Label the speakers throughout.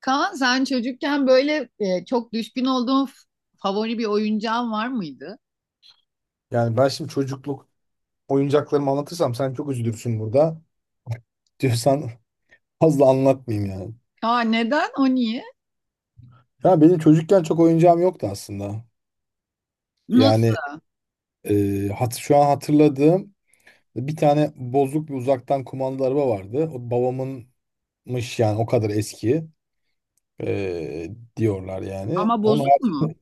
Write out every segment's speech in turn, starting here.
Speaker 1: Kaan sen çocukken böyle çok düşkün olduğun favori bir oyuncağın var mıydı?
Speaker 2: Yani ben şimdi çocukluk oyuncaklarımı anlatırsam sen çok üzülürsün burada. Diyorsan fazla anlatmayayım yani.
Speaker 1: Aa neden? O niye?
Speaker 2: Ya benim çocukken çok oyuncağım yoktu aslında.
Speaker 1: Nasıl?
Speaker 2: Yani e, hat şu an hatırladığım bir tane bozuk bir uzaktan kumandalı araba vardı. O babamınmış yani o kadar eski e, diyorlar yani.
Speaker 1: Ama
Speaker 2: Onun
Speaker 1: bozuk mu?
Speaker 2: haricinde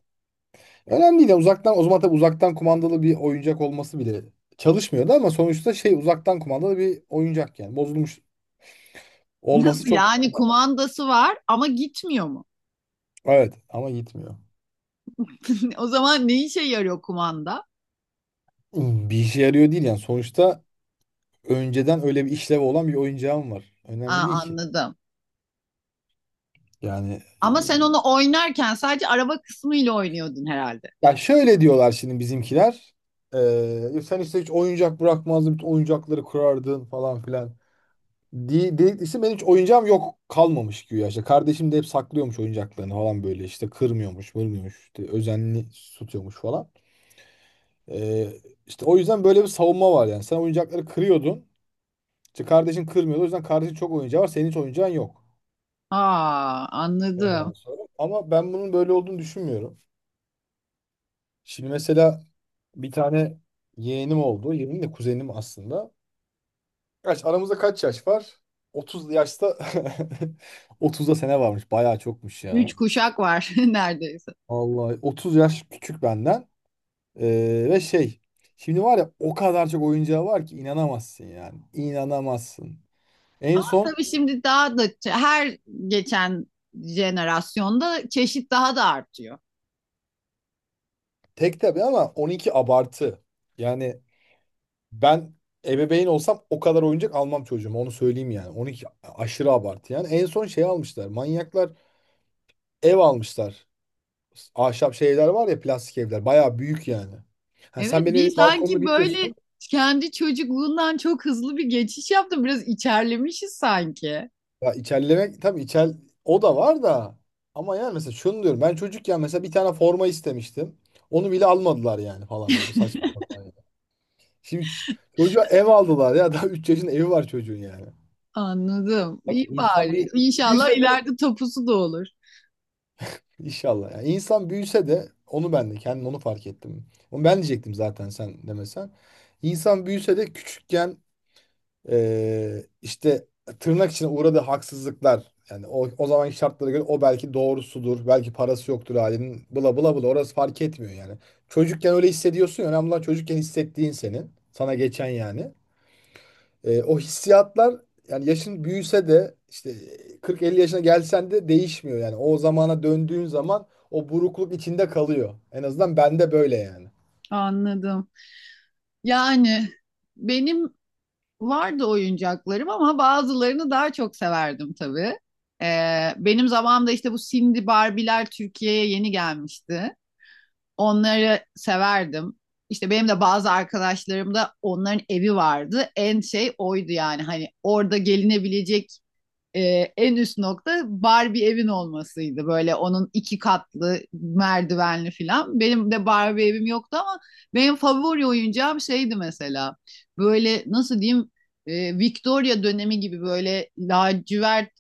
Speaker 2: önemli değil. Yani uzaktan o zaman tabii uzaktan kumandalı bir oyuncak olması bile çalışmıyordu ama sonuçta şey uzaktan kumandalı bir oyuncak yani. Bozulmuş olması
Speaker 1: Nasıl?
Speaker 2: çok
Speaker 1: Yani kumandası var ama gitmiyor mu?
Speaker 2: evet ama gitmiyor.
Speaker 1: O zaman ne işe yarıyor kumanda?
Speaker 2: Bir işe yarıyor değil yani. Sonuçta önceden öyle bir işlevi olan bir oyuncağım var. Önemli
Speaker 1: Aa
Speaker 2: değil ki.
Speaker 1: anladım.
Speaker 2: Yani
Speaker 1: Ama sen onu oynarken sadece araba kısmıyla oynuyordun herhalde.
Speaker 2: ya şöyle diyorlar şimdi bizimkiler. Sen işte hiç oyuncak bırakmazdın, bütün oyuncakları kurardın falan filan. De dedikçe benim hiç oyuncağım yok kalmamış güya işte. Kardeşim de hep saklıyormuş oyuncaklarını falan böyle işte kırmıyormuş, vurmuyormuş, işte özenli tutuyormuş falan. Ee, işte o yüzden böyle bir savunma var yani. Sen oyuncakları kırıyordun. İşte kardeşin kırmıyordu. O yüzden kardeşin çok oyuncağı var. Senin hiç oyuncağın yok.
Speaker 1: Aa anladım.
Speaker 2: Ondan sonra. Ama ben bunun böyle olduğunu düşünmüyorum. Şimdi mesela bir tane yeğenim oldu. Yeğenim de kuzenim aslında. Aramızda kaç yaş var? 30 yaşta otuzda sene varmış. Bayağı çokmuş ya.
Speaker 1: Üç kuşak var neredeyse.
Speaker 2: Vallahi 30 yaş küçük benden. Ve şey şimdi var ya o kadar çok oyuncağı var ki inanamazsın yani. İnanamazsın. En
Speaker 1: Ama
Speaker 2: son
Speaker 1: tabii şimdi daha da her geçen jenerasyonda çeşit daha da artıyor.
Speaker 2: tek tabii ama 12 abartı. Yani ben ebeveyn olsam o kadar oyuncak almam çocuğuma onu söyleyeyim yani. 12 aşırı abartı yani. En son şey almışlar. Manyaklar ev almışlar. Ahşap şeyler var ya plastik evler. Bayağı büyük yani. Ha,
Speaker 1: Evet
Speaker 2: sen benim
Speaker 1: bir
Speaker 2: evin balkonunu
Speaker 1: sanki böyle
Speaker 2: biliyorsun.
Speaker 1: kendi çocukluğundan çok hızlı bir geçiş yaptım. Biraz içerlemişiz sanki.
Speaker 2: Ya içerlemek tabii içer o da var da. Ama yani mesela şunu diyorum. Ben çocukken mesela bir tane forma istemiştim. Onu bile almadılar yani falan böyle saçma sapan yani. Şimdi çocuğa ev aldılar ya. Daha 3 yaşında evi var çocuğun yani.
Speaker 1: Anladım. İyi
Speaker 2: Tabii insan
Speaker 1: bari.
Speaker 2: bir
Speaker 1: İnşallah
Speaker 2: büyüse de
Speaker 1: ileride topusu da olur.
Speaker 2: İnşallah. Yani insan büyüse de onu ben de kendim onu fark ettim. Onu ben diyecektim zaten sen demesen. İnsan büyüse de küçükken işte tırnak içine uğradığı haksızlıklar yani o zamanki şartlara göre o belki doğrusudur. Belki parası yoktur ailenin. Bla bla bla orası fark etmiyor yani. Çocukken öyle hissediyorsun ya. Önemli olan çocukken hissettiğin senin. Sana geçen yani. O hissiyatlar yani yaşın büyüse de işte 40-50 yaşına gelsen de değişmiyor yani. O zamana döndüğün zaman o burukluk içinde kalıyor. En azından bende böyle yani.
Speaker 1: Anladım. Yani benim vardı oyuncaklarım ama bazılarını daha çok severdim tabii. Benim zamanımda işte bu Cindy Barbie'ler Türkiye'ye yeni gelmişti. Onları severdim. İşte benim de bazı arkadaşlarım da onların evi vardı. En şey oydu yani hani orada gelinebilecek en üst nokta Barbie evin olmasıydı. Böyle onun iki katlı merdivenli filan. Benim de Barbie evim yoktu ama benim favori oyuncağım şeydi mesela. Böyle nasıl diyeyim, Victoria dönemi gibi böyle lacivert,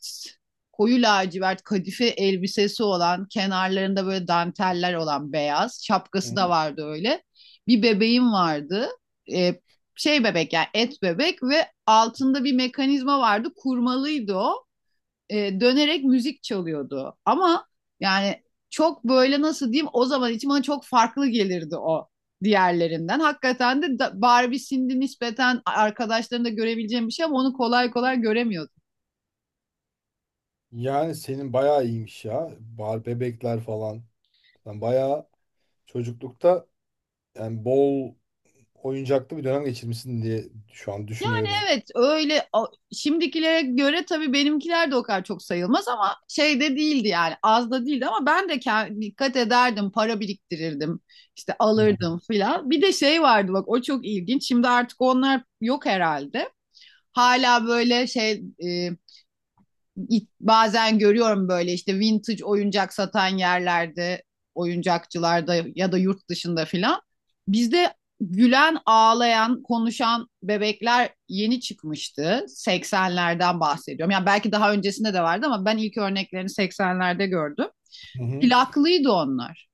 Speaker 1: koyu lacivert kadife elbisesi olan, kenarlarında böyle danteller olan, beyaz şapkası
Speaker 2: Hı.
Speaker 1: da vardı öyle. Bir bebeğim vardı. E, Şey bebek yani et bebek, ve altında bir mekanizma vardı, kurmalıydı o, dönerek müzik çalıyordu. Ama yani çok böyle nasıl diyeyim, o zaman için bana çok farklı gelirdi o diğerlerinden. Hakikaten de Barbie Cindy nispeten arkadaşlarında görebileceğim bir şey ama onu kolay kolay göremiyordum.
Speaker 2: Yani senin bayağı iyiymiş ya. Bar bebekler falan. Sen bayağı çocuklukta yani bol oyuncaklı bir dönem geçirmişsin diye şu an
Speaker 1: Yani
Speaker 2: düşünüyorum.
Speaker 1: evet öyle, şimdikilere göre tabii benimkiler de o kadar çok sayılmaz ama şey de değildi yani, az da değildi ama ben de dikkat ederdim, para biriktirirdim işte,
Speaker 2: Hı.
Speaker 1: alırdım filan. Bir de şey vardı bak, o çok ilginç, şimdi artık onlar yok herhalde. Hala böyle şey, bazen görüyorum böyle işte vintage oyuncak satan yerlerde, oyuncakçılarda ya da yurt dışında filan. Bizde gülen, ağlayan, konuşan bebekler yeni çıkmıştı. 80'lerden bahsediyorum. Yani belki daha öncesinde de vardı ama ben ilk örneklerini 80'lerde gördüm.
Speaker 2: Hı.
Speaker 1: Plaklıydı onlar.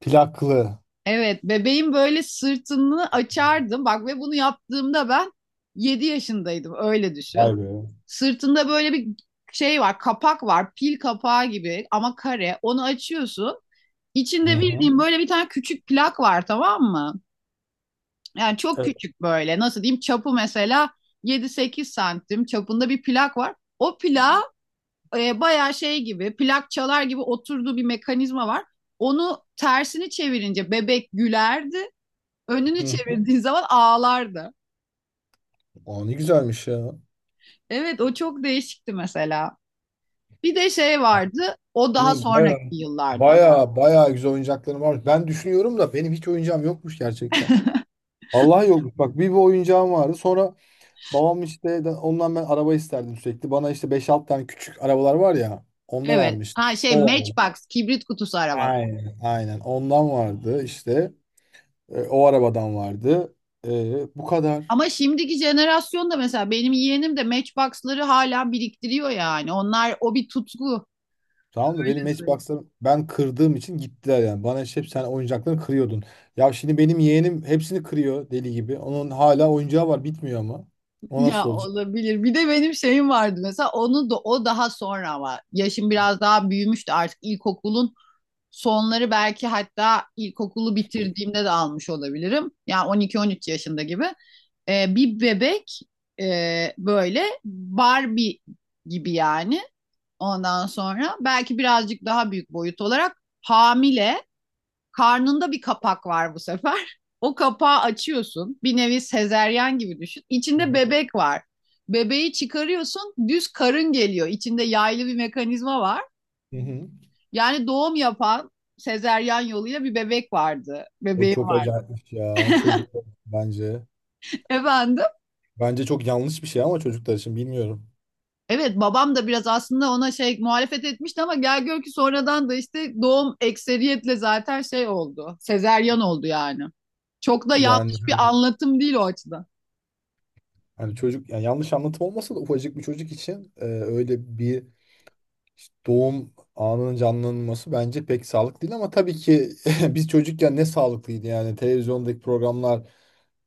Speaker 2: Plaklı.
Speaker 1: Evet, bebeğin böyle sırtını açardım. Bak, ve bunu yaptığımda ben 7 yaşındaydım. Öyle düşün.
Speaker 2: Vay be.
Speaker 1: Sırtında böyle bir şey var, kapak var, pil kapağı gibi ama kare. Onu açıyorsun.
Speaker 2: Hı
Speaker 1: İçinde
Speaker 2: hı.
Speaker 1: bildiğin böyle bir tane küçük plak var, tamam mı? Yani çok
Speaker 2: Evet.
Speaker 1: küçük böyle. Nasıl diyeyim? Çapı mesela 7-8 cm çapında bir plak var. O plağa bayağı şey gibi, plak çalar gibi oturduğu bir mekanizma var. Onu tersini çevirince bebek gülerdi. Önünü
Speaker 2: Hı.
Speaker 1: çevirdiğin zaman ağlardı.
Speaker 2: Aa, ne güzelmiş ya.
Speaker 1: Evet, o çok değişikti mesela. Bir de şey vardı. O daha
Speaker 2: Benim
Speaker 1: sonraki
Speaker 2: bayağı
Speaker 1: yıllarda.
Speaker 2: bayağı bayağı güzel oyuncaklarım var. Ben düşünüyorum da benim hiç oyuncağım yokmuş gerçekten. Vallahi yokmuş. Bak bir oyuncağım vardı. Sonra babam işte ondan ben araba isterdim sürekli. Bana işte beş 6 tane küçük arabalar var ya ondan
Speaker 1: Evet.
Speaker 2: almıştı.
Speaker 1: Ha şey,
Speaker 2: O vardı.
Speaker 1: Matchbox, kibrit kutusu arabalar.
Speaker 2: Aynen. Aynen. Ondan vardı işte. O arabadan vardı. Bu kadar.
Speaker 1: Ama şimdiki jenerasyonda mesela benim yeğenim de Matchbox'ları hala biriktiriyor yani. Onlar o bir tutku.
Speaker 2: Tamam da benim
Speaker 1: Öyle söyleyeyim.
Speaker 2: Matchbox'larım ben kırdığım için gittiler yani. Bana işte hep sen oyuncaklarını kırıyordun. Ya şimdi benim yeğenim hepsini kırıyor deli gibi. Onun hala oyuncağı var bitmiyor ama. O
Speaker 1: Ya
Speaker 2: nasıl olacak?
Speaker 1: olabilir. Bir de benim şeyim vardı mesela, onu da o daha sonra ama yaşım biraz daha büyümüştü artık, ilkokulun sonları belki, hatta ilkokulu bitirdiğimde de almış olabilirim. Yani 12-13 yaşında gibi. Bir bebek, böyle Barbie gibi yani. Ondan sonra belki birazcık daha büyük boyut olarak, hamile karnında bir kapak var bu sefer. O kapağı açıyorsun. Bir nevi sezeryan gibi düşün.
Speaker 2: Hı
Speaker 1: İçinde
Speaker 2: hı.
Speaker 1: bebek var. Bebeği çıkarıyorsun, düz karın geliyor. İçinde yaylı bir mekanizma var.
Speaker 2: Hı hı.
Speaker 1: Yani doğum yapan, sezeryan yoluyla bir bebek vardı.
Speaker 2: O
Speaker 1: Bebeğim
Speaker 2: çok acayipmiş ya
Speaker 1: var.
Speaker 2: çocuklar bence.
Speaker 1: Efendim?
Speaker 2: Bence çok yanlış bir şey ama çocuklar için bilmiyorum.
Speaker 1: Evet, babam da biraz aslında ona şey muhalefet etmişti ama gel gör ki sonradan da işte doğum ekseriyetle zaten şey oldu. Sezeryan oldu yani. Çok da
Speaker 2: Yani
Speaker 1: yanlış
Speaker 2: hani,
Speaker 1: bir anlatım değil o açıdan.
Speaker 2: hani çocuk yani yanlış anlatım olmasa da ufacık bir çocuk için öyle bir işte doğum anının canlanması bence pek sağlıklı değil ama tabii ki biz çocukken ne sağlıklıydı yani televizyondaki programlar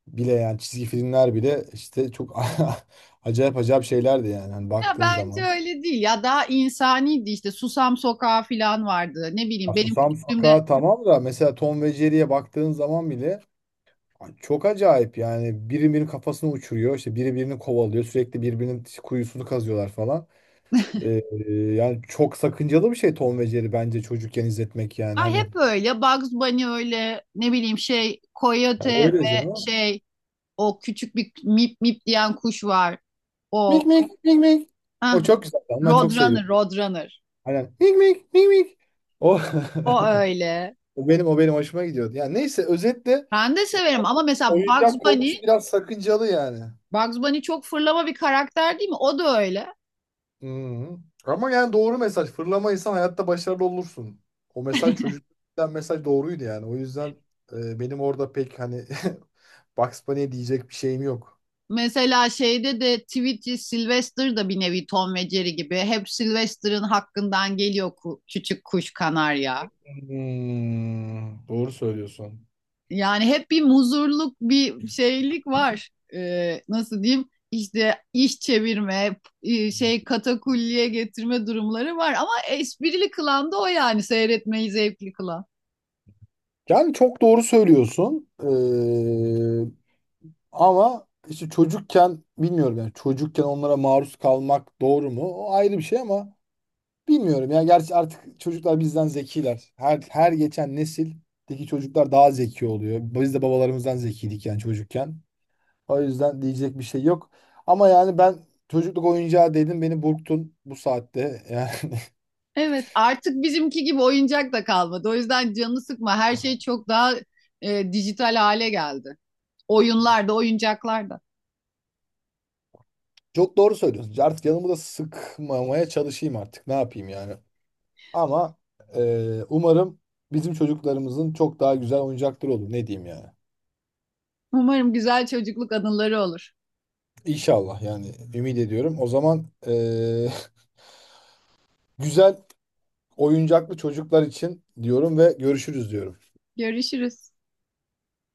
Speaker 2: bile yani çizgi filmler bile işte çok acayip acayip şeylerdi yani hani
Speaker 1: Ya
Speaker 2: baktığın
Speaker 1: bence
Speaker 2: zaman.
Speaker 1: öyle değil ya, daha insaniydi işte, Susam Sokağı falan vardı ne
Speaker 2: Ya
Speaker 1: bileyim benim
Speaker 2: Susam
Speaker 1: küçüklüğümde.
Speaker 2: Sokağı tamam da mesela Tom ve Jerry'ye baktığın zaman bile ay çok acayip yani biri birinin kafasını uçuruyor işte biri birini kovalıyor sürekli birbirinin kuyusunu kazıyorlar falan. Ee, yani çok sakıncalı bir şey Tom ve Jerry bence çocukken izletmek yani
Speaker 1: Ay
Speaker 2: hani.
Speaker 1: hep öyle, Bugs Bunny öyle, ne bileyim şey
Speaker 2: Ya
Speaker 1: Coyote
Speaker 2: öyle
Speaker 1: ve
Speaker 2: canım.
Speaker 1: şey, o küçük bir mip mip diyen kuş var o,
Speaker 2: Mik mik mik mik.
Speaker 1: ah,
Speaker 2: O çok güzel. Ben çok
Speaker 1: Roadrunner,
Speaker 2: seviyorum.
Speaker 1: Roadrunner,
Speaker 2: Aynen. Mik mik mik mik. O.
Speaker 1: o öyle.
Speaker 2: O benim hoşuma gidiyordu. Yani neyse özetle
Speaker 1: Ben de
Speaker 2: e,
Speaker 1: severim ama mesela Bugs
Speaker 2: oyuncak
Speaker 1: Bunny,
Speaker 2: konusu biraz sakıncalı yani.
Speaker 1: Bugs Bunny çok fırlama bir karakter değil mi? O da öyle.
Speaker 2: Hı. Ama yani doğru mesaj. Fırlamayırsan hayatta başarılı olursun. O mesaj çocukluktan mesaj doğruydu yani. O yüzden benim orada pek hani Bugs Bunny'e diyecek bir şeyim yok.
Speaker 1: Mesela şeyde de Tweety Sylvester da bir nevi Tom ve Jerry gibi. Hep Sylvester'ın hakkından geliyor, küçük kuş kanarya.
Speaker 2: Hmm, doğru söylüyorsun.
Speaker 1: Yani hep bir muzurluk, bir şeylik var. Nasıl diyeyim? İşte iş çevirme, şey katakulliye getirme durumları var. Ama esprili kılan da o yani, seyretmeyi zevkli kılan.
Speaker 2: Yani çok doğru söylüyorsun. Ama işte çocukken bilmiyorum yani çocukken onlara maruz kalmak doğru mu? O ayrı bir şey ama bilmiyorum ya. Gerçi artık çocuklar bizden zekiler. Her geçen nesildeki çocuklar daha zeki oluyor. Biz de babalarımızdan zekiydik yani çocukken. O yüzden diyecek bir şey yok. Ama yani ben çocukluk oyuncağı dedim beni burktun bu saatte. Yani
Speaker 1: Evet, artık bizimki gibi oyuncak da kalmadı. O yüzden canını sıkma. Her şey çok daha dijital hale geldi. Oyunlar da, oyuncaklar da.
Speaker 2: çok doğru söylüyorsun. Artık yanımı da sıkmamaya çalışayım artık. Ne yapayım yani? Ama e, umarım bizim çocuklarımızın çok daha güzel oyuncakları olur. Ne diyeyim yani?
Speaker 1: Umarım güzel çocukluk anıları olur.
Speaker 2: İnşallah yani ümit ediyorum. O zaman güzel oyuncaklı çocuklar için diyorum ve görüşürüz diyorum.
Speaker 1: Görüşürüz.